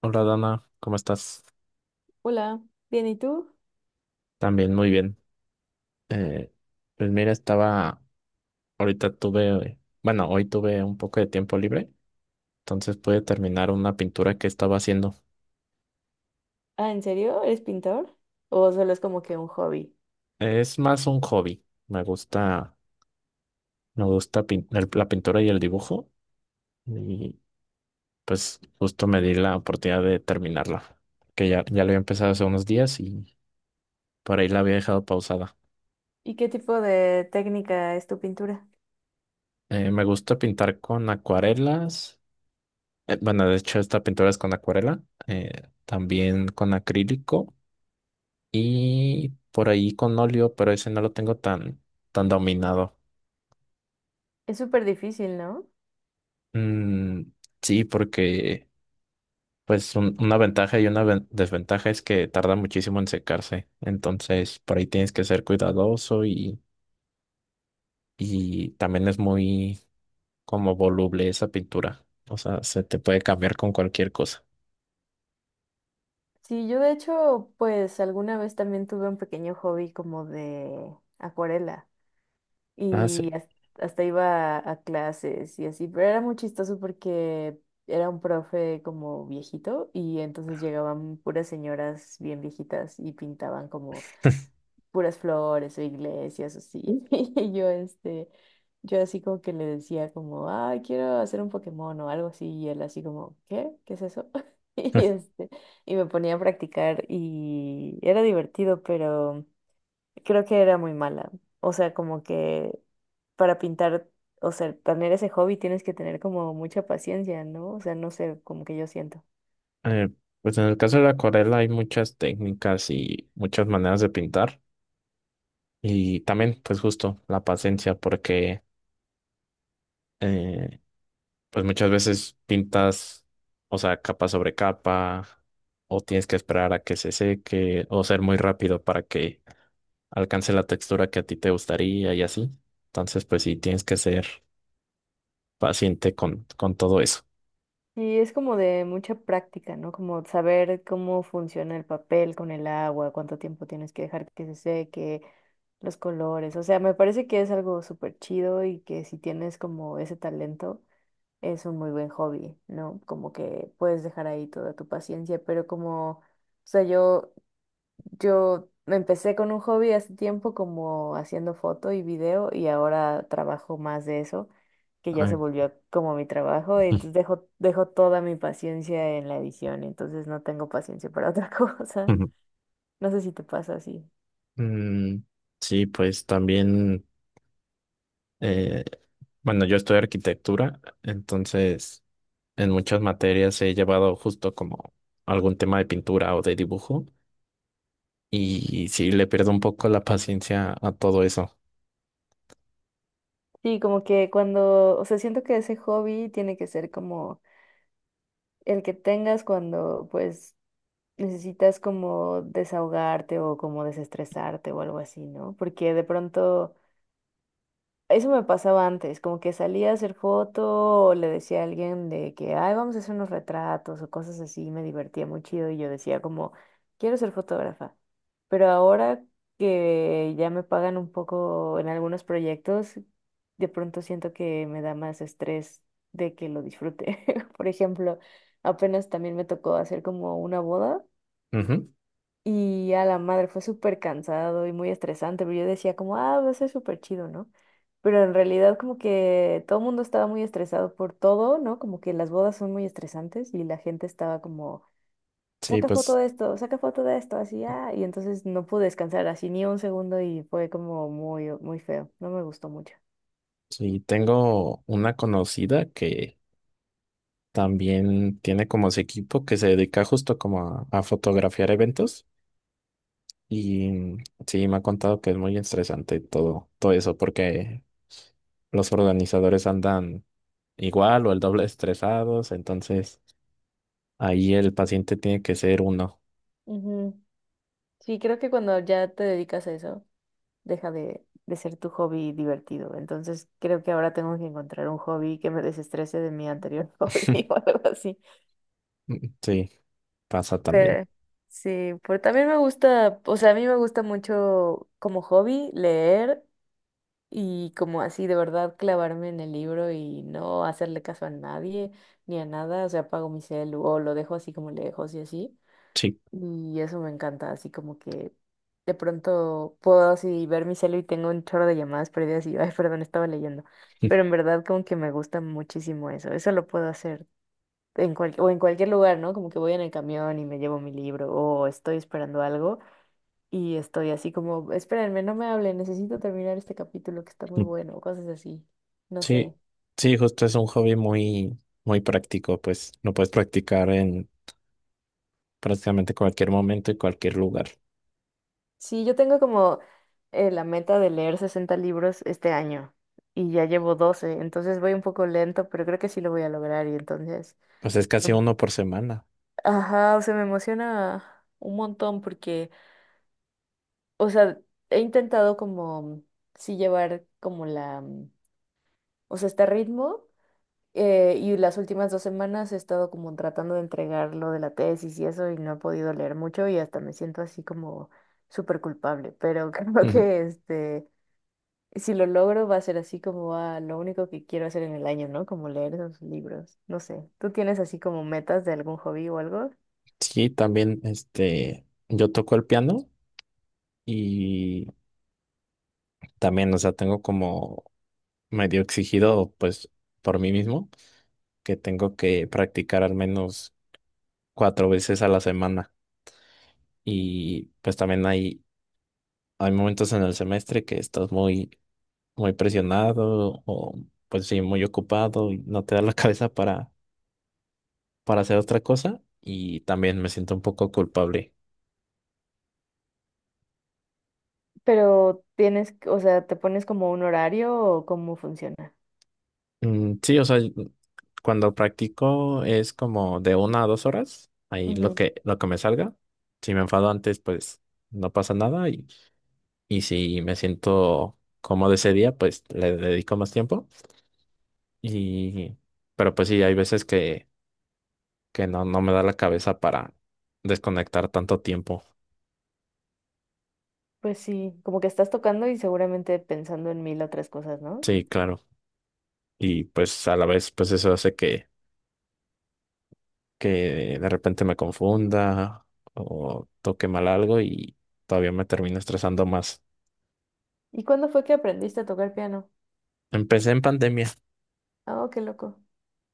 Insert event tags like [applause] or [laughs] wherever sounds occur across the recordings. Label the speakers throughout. Speaker 1: Hola Dana, ¿cómo estás?
Speaker 2: Hola, bien, ¿y tú?
Speaker 1: También muy bien. Eh, pues mira, bueno, hoy tuve un poco de tiempo libre, entonces pude terminar una pintura que estaba haciendo.
Speaker 2: Ah, ¿en serio? ¿Eres pintor? ¿O solo es como que un hobby?
Speaker 1: Es más un hobby, me gusta la pintura y el dibujo y pues justo me di la oportunidad de terminarla, que ya lo había empezado hace unos días y por ahí la había dejado pausada.
Speaker 2: ¿Y qué tipo de técnica es tu pintura?
Speaker 1: Me gusta pintar con acuarelas. Bueno, de hecho, esta pintura es con acuarela, también con acrílico y por ahí con óleo, pero ese no lo tengo tan dominado.
Speaker 2: Es súper difícil, ¿no?
Speaker 1: Mm, sí, porque pues una ventaja y una desventaja es que tarda muchísimo en secarse. Entonces, por ahí tienes que ser cuidadoso, y también es muy como voluble esa pintura. O sea, se te puede cambiar con cualquier cosa.
Speaker 2: Sí, yo de hecho, pues alguna vez también tuve un pequeño hobby como de acuarela
Speaker 1: Ah,
Speaker 2: y
Speaker 1: sí.
Speaker 2: hasta iba a clases y así, pero era muy chistoso porque era un profe como viejito y entonces llegaban puras señoras bien viejitas y pintaban como
Speaker 1: [laughs]
Speaker 2: puras flores o iglesias, así. [laughs] Y yo, este, yo así como que le decía como, ay, quiero hacer un Pokémon o algo así, y él así como, ¿qué? ¿Qué es eso? [laughs] Y este, y me ponía a practicar y era divertido, pero creo que era muy mala. O sea, como que para pintar, o sea, tener ese hobby tienes que tener como mucha paciencia, ¿no? O sea, no sé, como que yo siento.
Speaker 1: Eh, pues en el caso de la acuarela hay muchas técnicas y muchas maneras de pintar y también pues justo la paciencia porque eh, pues muchas veces o sea, capa sobre capa o tienes que esperar a que se seque o ser muy rápido para que alcance la textura que a ti te gustaría y así. Entonces pues sí, tienes que ser paciente con todo eso.
Speaker 2: Y es como de mucha práctica, ¿no? Como saber cómo funciona el papel con el agua, cuánto tiempo tienes que dejar que se seque, los colores. O sea, me parece que es algo súper chido y que si tienes como ese talento, es un muy buen hobby, ¿no? Como que puedes dejar ahí toda tu paciencia, pero como, o sea, yo me empecé con un hobby hace tiempo como haciendo foto y video y ahora trabajo más de eso, que ya se
Speaker 1: Ay.
Speaker 2: volvió como mi trabajo, entonces
Speaker 1: [laughs]
Speaker 2: dejo, dejo toda mi paciencia en la edición, entonces no tengo paciencia para otra [laughs] cosa. No sé si te pasa así.
Speaker 1: Mm, sí, pues también. Eh, bueno, yo estudio arquitectura, entonces en muchas materias he llevado justo como algún tema de pintura o de dibujo y sí le pierdo un poco la paciencia a todo eso.
Speaker 2: Sí, como que cuando, o sea, siento que ese hobby tiene que ser como el que tengas cuando pues necesitas como desahogarte o como desestresarte o algo así, ¿no? Porque de pronto. Eso me pasaba antes, como que salía a hacer foto o le decía a alguien de que, ay, vamos a hacer unos retratos o cosas así, me divertía muy chido y yo decía como, quiero ser fotógrafa. Pero ahora que ya me pagan un poco en algunos proyectos, de pronto siento que me da más estrés de que lo disfrute. [laughs] Por ejemplo, apenas también me tocó hacer como una boda.
Speaker 1: Ujú.
Speaker 2: Y a la madre fue súper cansado y muy estresante, pero yo decía como, ah, va a ser súper chido, ¿no? Pero en realidad como que todo el mundo estaba muy estresado por todo, ¿no? Como que las bodas son muy estresantes y la gente estaba como,
Speaker 1: Sí,
Speaker 2: saca foto
Speaker 1: pues
Speaker 2: de esto, saca foto de esto, así, ah, y entonces no pude descansar así ni un segundo y fue como muy, muy feo, no me gustó mucho.
Speaker 1: sí, tengo una conocida que también tiene como su equipo que se dedica justo como a fotografiar eventos. Y sí, me ha contado que es muy estresante todo eso, porque los organizadores andan igual o el doble [laughs] estresados, entonces ahí el paciente tiene que ser uno.
Speaker 2: Ujú. Sí, creo que cuando ya te dedicas a eso, deja de ser tu hobby divertido. Entonces creo que ahora tengo que encontrar un hobby que me desestrese de mi anterior [laughs] hobby o
Speaker 1: [laughs]
Speaker 2: algo así.
Speaker 1: Sí, pasa también.
Speaker 2: Pero sí, pero también me gusta, o sea, a mí me gusta mucho como hobby leer y como así de verdad clavarme en el libro y no hacerle caso a nadie ni a nada. O sea, apago mi celu o lo dejo así como lejos y así.
Speaker 1: Sí.
Speaker 2: Y eso me encanta, así como que de pronto puedo así ver mi celu y tengo un chorro de llamadas perdidas y, ay, perdón, estaba leyendo. Pero en verdad como que me gusta muchísimo eso. Eso lo puedo hacer en cual, o en cualquier lugar, ¿no? Como que voy en el camión y me llevo mi libro o estoy esperando algo y estoy así como, espérenme, no me hablen, necesito terminar este capítulo que está muy
Speaker 1: [laughs]
Speaker 2: bueno, o cosas así. No sé.
Speaker 1: Sí, sí, justo es un hobby muy práctico, pues lo puedes practicar en prácticamente cualquier momento y cualquier lugar.
Speaker 2: Sí, yo tengo como la meta de leer 60 libros este año y ya llevo 12, entonces voy un poco lento, pero creo que sí lo voy a lograr y entonces,
Speaker 1: Pues es casi
Speaker 2: em-
Speaker 1: uno por semana.
Speaker 2: ajá, o sea, me emociona un montón porque, o sea, he intentado como, sí llevar como la, o sea, este ritmo y las últimas dos semanas he estado como tratando de entregar lo de la tesis y eso y no he podido leer mucho y hasta me siento así como súper culpable, pero [laughs] creo
Speaker 1: [laughs]
Speaker 2: que este. Si lo logro, va a ser así como a lo único que quiero hacer en el año, ¿no? Como leer esos libros. No sé. ¿Tú tienes así como metas de algún hobby o algo?
Speaker 1: Sí, también este, yo toco el piano y también, o sea, tengo como medio exigido, pues, por mí mismo, que tengo que practicar al menos cuatro veces a la semana. Y pues también hay momentos en el semestre que estás muy presionado o pues sí, muy ocupado y no te da la [laughs] cabeza para hacer otra cosa. Y también me siento un poco culpable.
Speaker 2: Pero tienes, o sea, ¿te pones como un horario o cómo funciona?
Speaker 1: Mm, sí, o sea, cuando practico es como de una a dos horas, ahí lo
Speaker 2: Ujú.
Speaker 1: lo que me salga. Si me enfado antes, pues no pasa nada, y si me siento cómodo ese día, pues le dedico más tiempo. Y, pero pues sí, hay veces que no, no me da la cabeza para desconectar tanto tiempo.
Speaker 2: Pues sí, como que estás tocando y seguramente pensando en mil otras cosas, ¿no?
Speaker 1: Sí, claro. Y pues a la vez, pues eso hace que de repente me confunda o toque mal algo y todavía me termino estresando más.
Speaker 2: ¿Y cuándo fue que aprendiste a tocar piano?
Speaker 1: Empecé en pandemia,
Speaker 2: Oh, qué loco.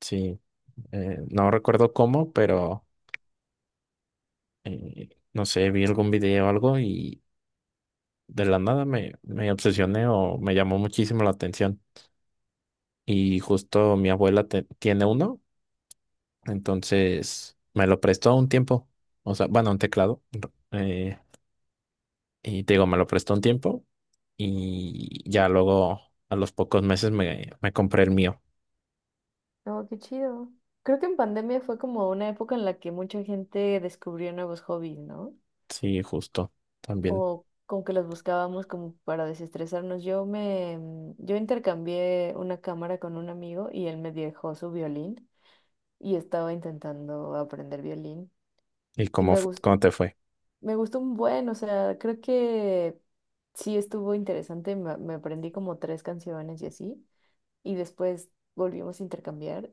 Speaker 1: sí. No recuerdo cómo, pero no sé, vi algún video o algo y de la nada me obsesioné o me llamó muchísimo la atención. Y justo mi abuela tiene uno, entonces me lo prestó un tiempo. O sea, bueno, un teclado. eh, y te digo, me lo prestó un tiempo y ya luego a los pocos meses me compré el mío.
Speaker 2: Oh, qué chido. Creo que en pandemia fue como una época en la que mucha gente descubrió nuevos hobbies, ¿no?
Speaker 1: Sí, justo, también.
Speaker 2: O como que los buscábamos como para desestresarnos. Yo me, yo intercambié una cámara con un amigo y él me dejó su violín y estaba intentando aprender violín
Speaker 1: ¿Y
Speaker 2: y
Speaker 1: cómo, cómo te fue?
Speaker 2: me gustó un buen, o sea, creo que sí estuvo interesante, me aprendí como tres canciones y así y después volvimos a intercambiar.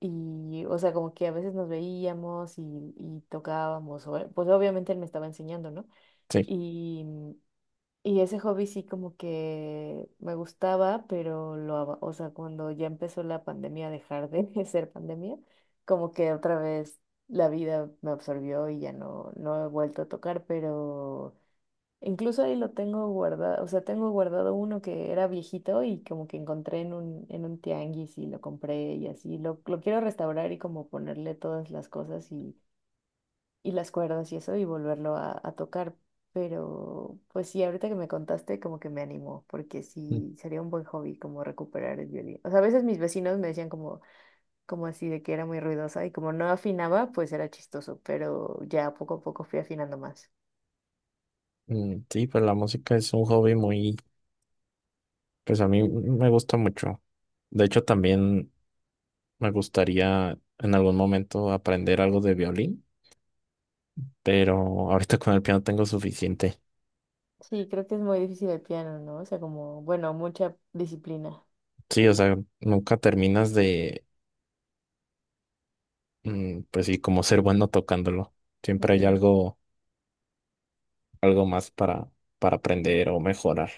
Speaker 2: Y, o sea, como que a veces nos veíamos y tocábamos, o pues obviamente él me estaba enseñando, ¿no?
Speaker 1: Sí.
Speaker 2: Y, y ese hobby sí como que me gustaba, pero lo, aba- o sea, cuando ya empezó la pandemia, a dejar de [laughs] ser pandemia, como que otra vez la vida me absorbió y ya no, no he vuelto a tocar, pero incluso ahí lo tengo guardado, o sea, tengo guardado uno que era viejito y como que encontré en un tianguis y lo compré y así, lo quiero restaurar y como ponerle todas las cosas y las cuerdas y eso y volverlo a tocar. Pero pues sí, ahorita que me contaste como que me animó, porque sí, sería un buen hobby como recuperar el violín. O sea, a veces mis vecinos me decían como, como así de que era muy ruidosa y como no afinaba, pues era chistoso, pero ya poco a poco fui afinando más.
Speaker 1: Mm, sí, pues la música es un hobby muy, pues a mí me gusta mucho. De hecho, también me gustaría en algún momento aprender algo de violín, pero ahorita con el piano tengo suficiente.
Speaker 2: Sí, creo que es muy difícil el piano, ¿no? O sea, como, bueno, mucha disciplina.
Speaker 1: Sí, o sea, nunca terminas mm, pues sí, como ser bueno tocándolo. Siempre hay
Speaker 2: Ujú.
Speaker 1: algo, algo más para aprender o mejorar.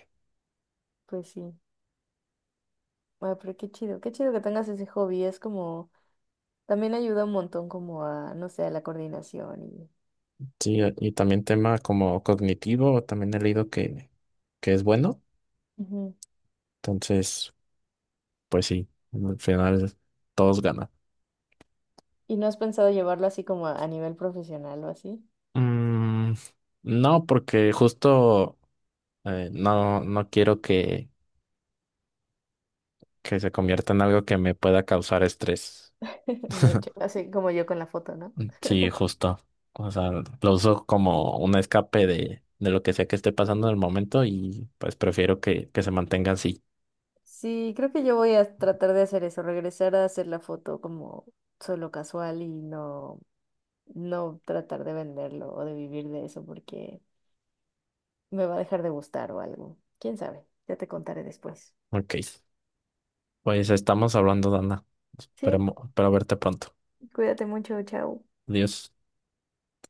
Speaker 2: Pues sí. Ah, pero qué chido que tengas ese hobby, es como, también ayuda un montón como a, no sé, a la coordinación y...
Speaker 1: Sí, y también tema como cognitivo, también he leído que es bueno.
Speaker 2: Ujú.
Speaker 1: Entonces, pues sí, al final todos ganan.
Speaker 2: ¿Y no has pensado llevarlo así como a nivel profesional o así?
Speaker 1: Mm, no, porque justo no, no quiero que se convierta en algo que me pueda causar estrés.
Speaker 2: [laughs] De hecho, así como yo con la foto, ¿no?
Speaker 1: Mm, sí, justo. O sea, lo uso como un escape de lo que sea que esté pasando en el momento y pues prefiero que se mantenga así.
Speaker 2: Sí, creo que yo voy a tratar de hacer eso, regresar a hacer la foto como solo casual y no, no tratar de venderlo o de vivir de eso porque me va a dejar de gustar o algo. ¿Quién sabe? Ya te contaré después.
Speaker 1: Ok. Pues estamos hablando, Dana.
Speaker 2: Sí,
Speaker 1: Esperemos, espero verte pronto.
Speaker 2: cuídate mucho, chao.
Speaker 1: Adiós.